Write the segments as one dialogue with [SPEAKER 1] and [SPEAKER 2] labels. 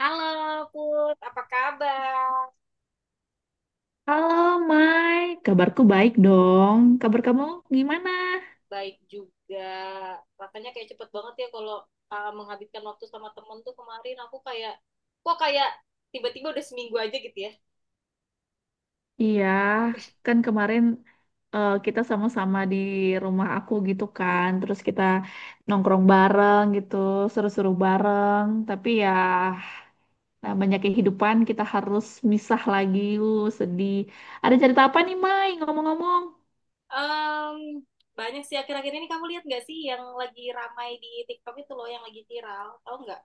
[SPEAKER 1] Halo Put, apa kabar?
[SPEAKER 2] Halo, Mai. Kabarku baik dong. Kabar kamu gimana?
[SPEAKER 1] Baik juga. Rasanya kayak cepet banget ya kalau menghabiskan waktu sama temen tuh kemarin aku kayak, kok kayak tiba-tiba udah seminggu aja gitu ya.
[SPEAKER 2] Iya, kan kemarin kita sama-sama di rumah aku gitu kan. Terus kita nongkrong bareng gitu, seru-seru bareng. Tapi ya namanya kehidupan kita harus misah lagi. Sedih. Ada cerita apa nih, Mai? Ngomong-ngomong.
[SPEAKER 1] Em, banyak sih akhir-akhir ini kamu lihat nggak sih yang lagi ramai di TikTok itu loh yang lagi viral, tahu nggak?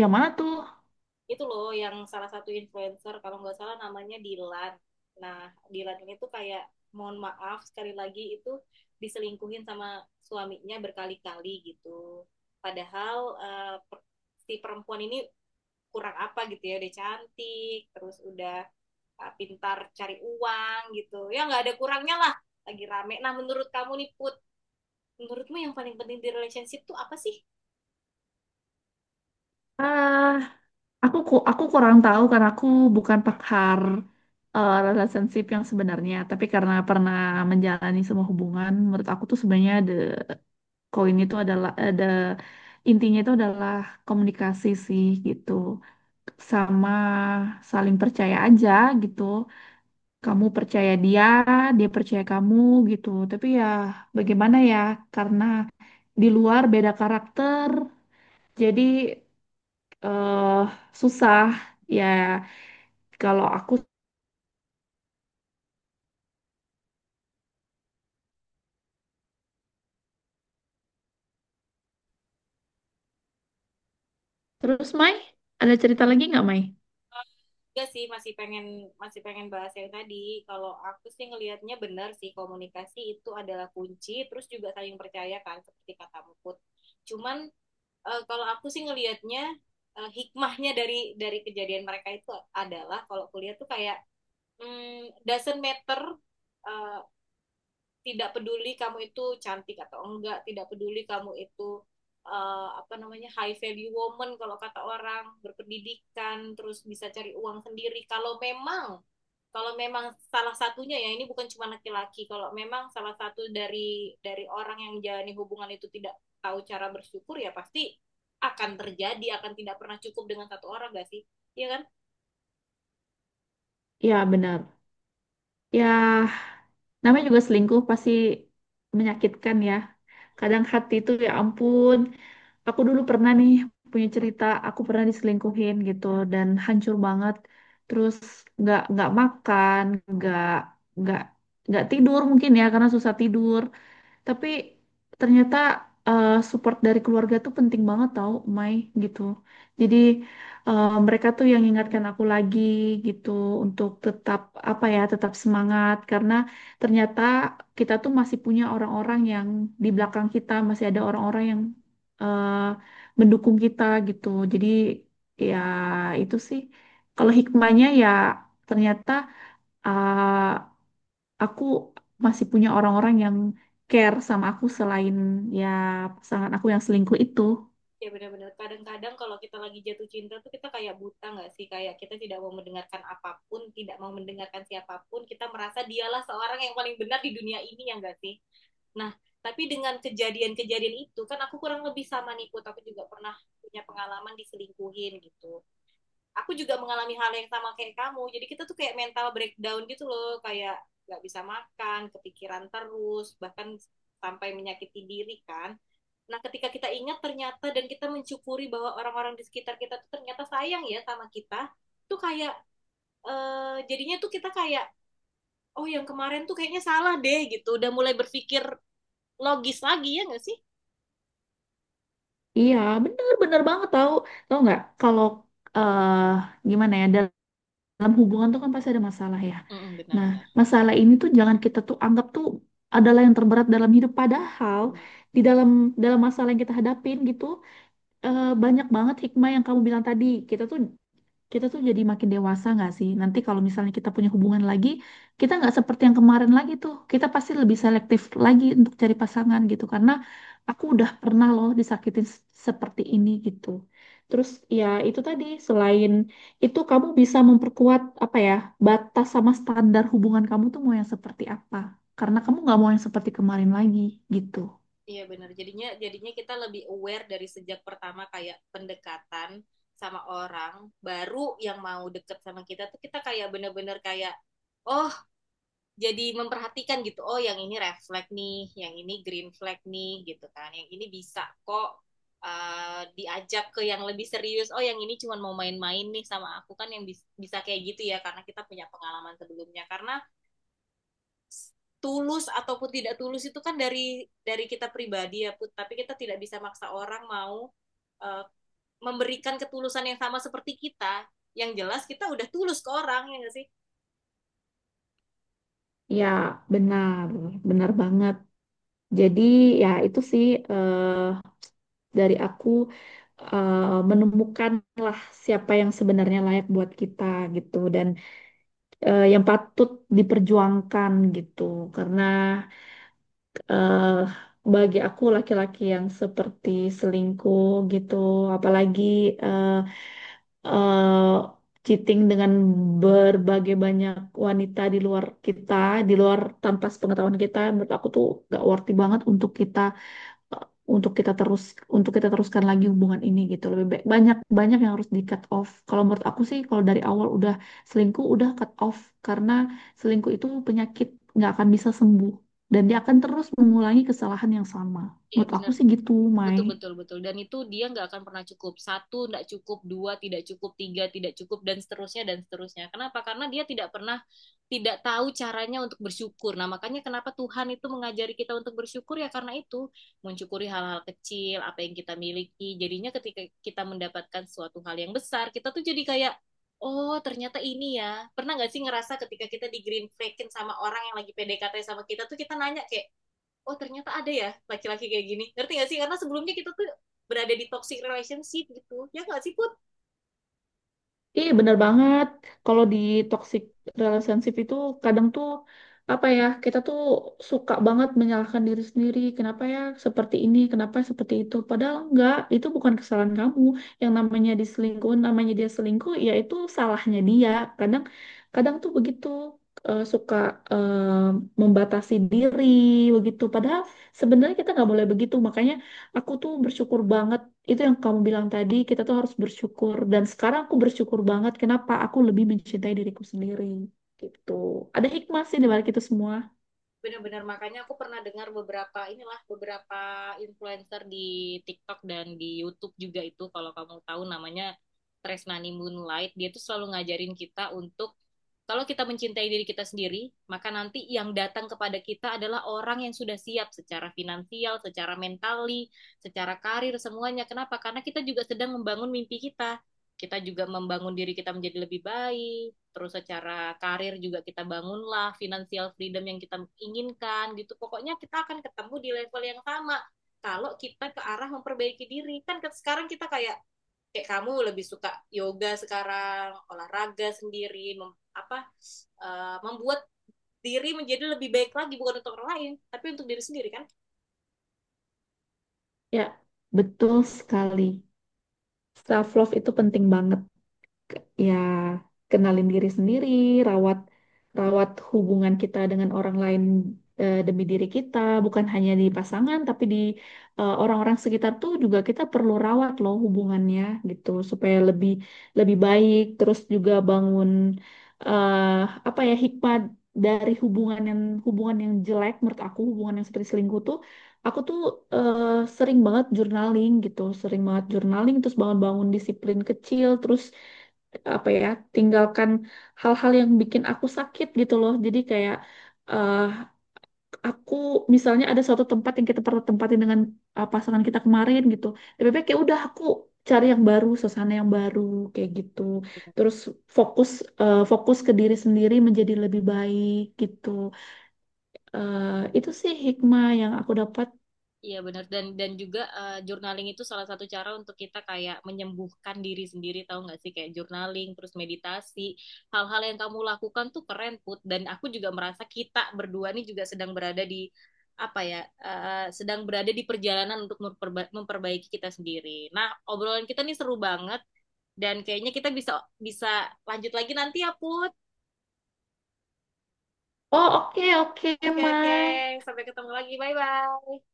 [SPEAKER 2] Yang mana tuh?
[SPEAKER 1] Itu loh yang salah satu influencer kalau nggak salah namanya Dilan. Nah, Dilan ini tuh kayak mohon maaf sekali lagi itu diselingkuhin sama suaminya berkali-kali gitu. Padahal si perempuan ini kurang apa gitu ya, udah cantik, terus udah pintar cari uang gitu. Ya nggak ada kurangnya lah, lagi rame. Nah, menurut kamu nih Put, menurutmu yang paling penting di relationship tuh apa sih?
[SPEAKER 2] Ah, aku kurang tahu karena aku bukan pakar relationship yang sebenarnya, tapi karena pernah menjalani semua hubungan, menurut aku tuh sebenarnya koin itu adalah ada intinya itu adalah komunikasi sih gitu. Sama saling percaya aja gitu. Kamu percaya dia, dia percaya kamu gitu. Tapi ya bagaimana ya karena di luar beda karakter, jadi eh susah ya. Kalau aku, terus Mai, ada cerita lagi nggak, Mai?
[SPEAKER 1] Enggak sih, masih pengen bahas yang tadi. Kalau aku sih ngelihatnya benar sih komunikasi itu adalah kunci, terus juga saling percaya kan seperti kata Mukut. Cuman kalau aku sih ngelihatnya hikmahnya dari kejadian mereka itu adalah kalau kuliah tuh kayak doesn't matter eh, tidak peduli kamu itu cantik atau enggak, tidak peduli kamu itu apa namanya high value woman kalau kata orang berpendidikan terus bisa cari uang sendiri kalau memang salah satunya ya ini bukan cuma laki-laki kalau memang salah satu dari orang yang menjalani hubungan itu tidak tahu cara bersyukur ya pasti akan terjadi akan tidak pernah cukup dengan satu orang gak sih? Iya kan?
[SPEAKER 2] Ya, benar.
[SPEAKER 1] Hmm,
[SPEAKER 2] Ya, namanya juga selingkuh pasti menyakitkan ya. Kadang hati itu ya ampun. Aku dulu pernah nih punya cerita, aku pernah diselingkuhin gitu dan hancur banget. Terus nggak makan, nggak nggak nggak tidur mungkin ya karena susah tidur. Tapi ternyata support dari keluarga tuh penting banget tau, Mai, gitu. Jadi mereka tuh yang ingatkan aku lagi gitu untuk tetap apa ya, tetap semangat karena ternyata kita tuh masih punya orang-orang yang di belakang kita, masih ada orang-orang yang eh, mendukung kita gitu. Jadi ya itu sih kalau hikmahnya ya ternyata eh, aku masih punya orang-orang yang care sama aku selain ya pasangan aku yang selingkuh itu.
[SPEAKER 1] ya benar-benar kadang-kadang kalau kita lagi jatuh cinta tuh kita kayak buta gak sih kayak kita tidak mau mendengarkan apapun tidak mau mendengarkan siapapun kita merasa dialah seorang yang paling benar di dunia ini ya gak sih? Nah, tapi dengan kejadian-kejadian itu kan aku kurang lebih sama Nikut, aku juga pernah punya pengalaman diselingkuhin gitu. Aku juga mengalami hal yang sama kayak kamu. Jadi kita tuh kayak mental breakdown gitu loh, kayak nggak bisa makan, kepikiran terus, bahkan sampai menyakiti diri kan. Nah, ketika kita ingat ternyata dan kita mensyukuri bahwa orang-orang di sekitar kita tuh ternyata sayang ya sama kita, tuh kayak jadinya tuh kita kayak oh yang kemarin tuh kayaknya salah deh gitu, udah mulai berpikir logis lagi ya nggak sih?
[SPEAKER 2] Iya, bener-bener banget tahu. Tahu nggak kalau eh gimana ya, dalam hubungan tuh kan pasti ada masalah ya.
[SPEAKER 1] Mm,
[SPEAKER 2] Nah,
[SPEAKER 1] benar-benar.
[SPEAKER 2] masalah ini tuh jangan kita tuh anggap tuh adalah yang terberat dalam hidup, padahal
[SPEAKER 1] Benar.
[SPEAKER 2] di dalam dalam masalah yang kita hadapin gitu banyak banget hikmah yang kamu bilang tadi. Kita tuh kita tuh jadi makin dewasa nggak sih? Nanti kalau misalnya kita punya hubungan lagi, kita nggak seperti yang kemarin lagi tuh. Kita pasti lebih selektif lagi untuk cari pasangan gitu. Karena aku udah pernah loh seperti ini gitu. Terus ya itu tadi, selain itu kamu bisa memperkuat apa ya, batas sama standar hubungan kamu tuh mau yang seperti apa. Karena kamu nggak mau yang seperti kemarin lagi gitu.
[SPEAKER 1] Iya benar. Jadinya jadinya kita lebih aware dari sejak pertama kayak pendekatan sama orang baru yang mau deket sama kita tuh kita kayak benar-benar kayak oh jadi memperhatikan gitu. Oh yang ini red flag nih, yang ini green flag nih gitu kan. Yang ini bisa kok diajak ke yang lebih serius. Oh yang ini cuma mau main-main nih sama aku kan yang bisa kayak gitu ya karena kita punya pengalaman sebelumnya. Karena tulus ataupun tidak tulus itu kan dari kita pribadi ya Put. Tapi kita tidak bisa maksa orang mau eh, memberikan ketulusan yang sama seperti kita. Yang jelas kita udah tulus ke orang ya nggak sih?
[SPEAKER 2] Ya, benar, benar banget. Jadi ya itu sih, dari aku eh, menemukan lah siapa yang sebenarnya layak buat kita gitu, dan yang patut diperjuangkan gitu karena eh, bagi aku laki-laki yang seperti selingkuh gitu, apalagi eh, eh, cheating dengan berbagai banyak wanita di luar kita, di luar tanpa sepengetahuan kita, menurut aku tuh gak worthy banget untuk kita eh, untuk kita terus untuk kita teruskan lagi hubungan ini gitu. Lebih baik banyak banyak yang harus di cut off, kalau menurut aku sih kalau dari awal udah selingkuh, udah cut off, karena selingkuh itu penyakit, nggak akan bisa sembuh dan dia akan terus mengulangi kesalahan yang sama.
[SPEAKER 1] Iya
[SPEAKER 2] Menurut aku
[SPEAKER 1] benar.
[SPEAKER 2] sih gitu, Mai.
[SPEAKER 1] Betul, betul, betul. Dan itu dia nggak akan pernah cukup. Satu, nggak cukup. Dua, tidak cukup. Tiga, tidak cukup. Dan seterusnya, dan seterusnya. Kenapa? Karena dia tidak pernah, tidak tahu caranya untuk bersyukur. Nah, makanya kenapa Tuhan itu mengajari kita untuk bersyukur ya karena itu. Mensyukuri hal-hal kecil, apa yang kita miliki. Jadinya ketika kita mendapatkan suatu hal yang besar, kita tuh jadi kayak, oh ternyata ini ya. Pernah nggak sih ngerasa ketika kita di green flagging sama orang yang lagi PDKT sama kita tuh kita nanya kayak, oh ternyata ada ya laki-laki kayak gini ngerti nggak sih karena sebelumnya kita tuh berada di toxic relationship gitu ya nggak sih Put?
[SPEAKER 2] Iya bener banget. Kalau di toxic relationship itu kadang tuh apa ya, kita tuh suka banget menyalahkan diri sendiri. Kenapa ya seperti ini? Kenapa seperti itu? Padahal enggak, itu bukan kesalahan kamu. Yang namanya diselingkuh, namanya dia selingkuh, ya itu salahnya dia. Kadang kadang tuh begitu suka eh, membatasi diri begitu. Padahal sebenarnya kita nggak boleh begitu. Makanya aku tuh bersyukur banget itu yang kamu bilang tadi, kita tuh harus bersyukur. Dan sekarang aku bersyukur banget kenapa aku lebih mencintai diriku sendiri. Gitu. Ada hikmah sih di balik itu semua.
[SPEAKER 1] Benar-benar makanya aku pernah dengar beberapa inilah beberapa influencer di TikTok dan di YouTube juga itu kalau kamu tahu namanya Tresnani Moonlight dia tuh selalu ngajarin kita untuk kalau kita mencintai diri kita sendiri maka nanti yang datang kepada kita adalah orang yang sudah siap secara finansial, secara mentali, secara karir semuanya. Kenapa? Karena kita juga sedang membangun mimpi kita. Kita juga membangun diri kita menjadi lebih baik, terus secara karir juga kita bangunlah financial freedom yang kita inginkan gitu. Pokoknya kita akan ketemu di level yang sama kalau kita ke arah memperbaiki diri. Kan sekarang kita kayak kayak kamu lebih suka yoga sekarang, olahraga sendiri, mem, apa membuat diri menjadi lebih baik lagi bukan untuk orang lain, tapi untuk diri sendiri kan.
[SPEAKER 2] Ya, betul sekali. Self love itu penting banget. ke- Ya, kenalin diri sendiri, rawat rawat hubungan kita dengan orang lain demi diri kita, bukan hanya di pasangan tapi di orang-orang sekitar tuh juga kita perlu rawat loh hubungannya gitu supaya lebih lebih baik, terus juga bangun eh apa ya, hikmat dari hubungan yang jelek menurut aku, hubungan yang seperti selingkuh tuh. Aku tuh eh, sering banget journaling gitu, sering banget journaling, terus bangun-bangun disiplin kecil, terus apa ya, tinggalkan hal-hal yang bikin aku sakit gitu loh. Jadi kayak eh aku misalnya ada suatu tempat yang kita pernah tempatin dengan pasangan kita kemarin gitu, lebih baik ya udah aku cari yang baru, suasana yang baru kayak gitu. Terus fokus fokus ke diri sendiri menjadi lebih baik gitu. Eh itu sih hikmah yang aku dapat.
[SPEAKER 1] Iya benar dan juga journaling itu salah satu cara untuk kita kayak menyembuhkan diri sendiri tahu nggak sih kayak journaling terus meditasi hal-hal yang kamu lakukan tuh keren Put dan aku juga merasa kita berdua nih juga sedang berada di apa ya sedang berada di perjalanan untuk memperbaiki kita sendiri. Nah obrolan kita nih seru banget dan kayaknya kita bisa bisa lanjut lagi nanti ya Put.
[SPEAKER 2] Oh, oke oke,
[SPEAKER 1] Oke oke
[SPEAKER 2] Mai.
[SPEAKER 1] sampai ketemu lagi bye bye.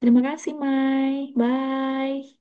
[SPEAKER 2] Terima kasih, Mai. Bye.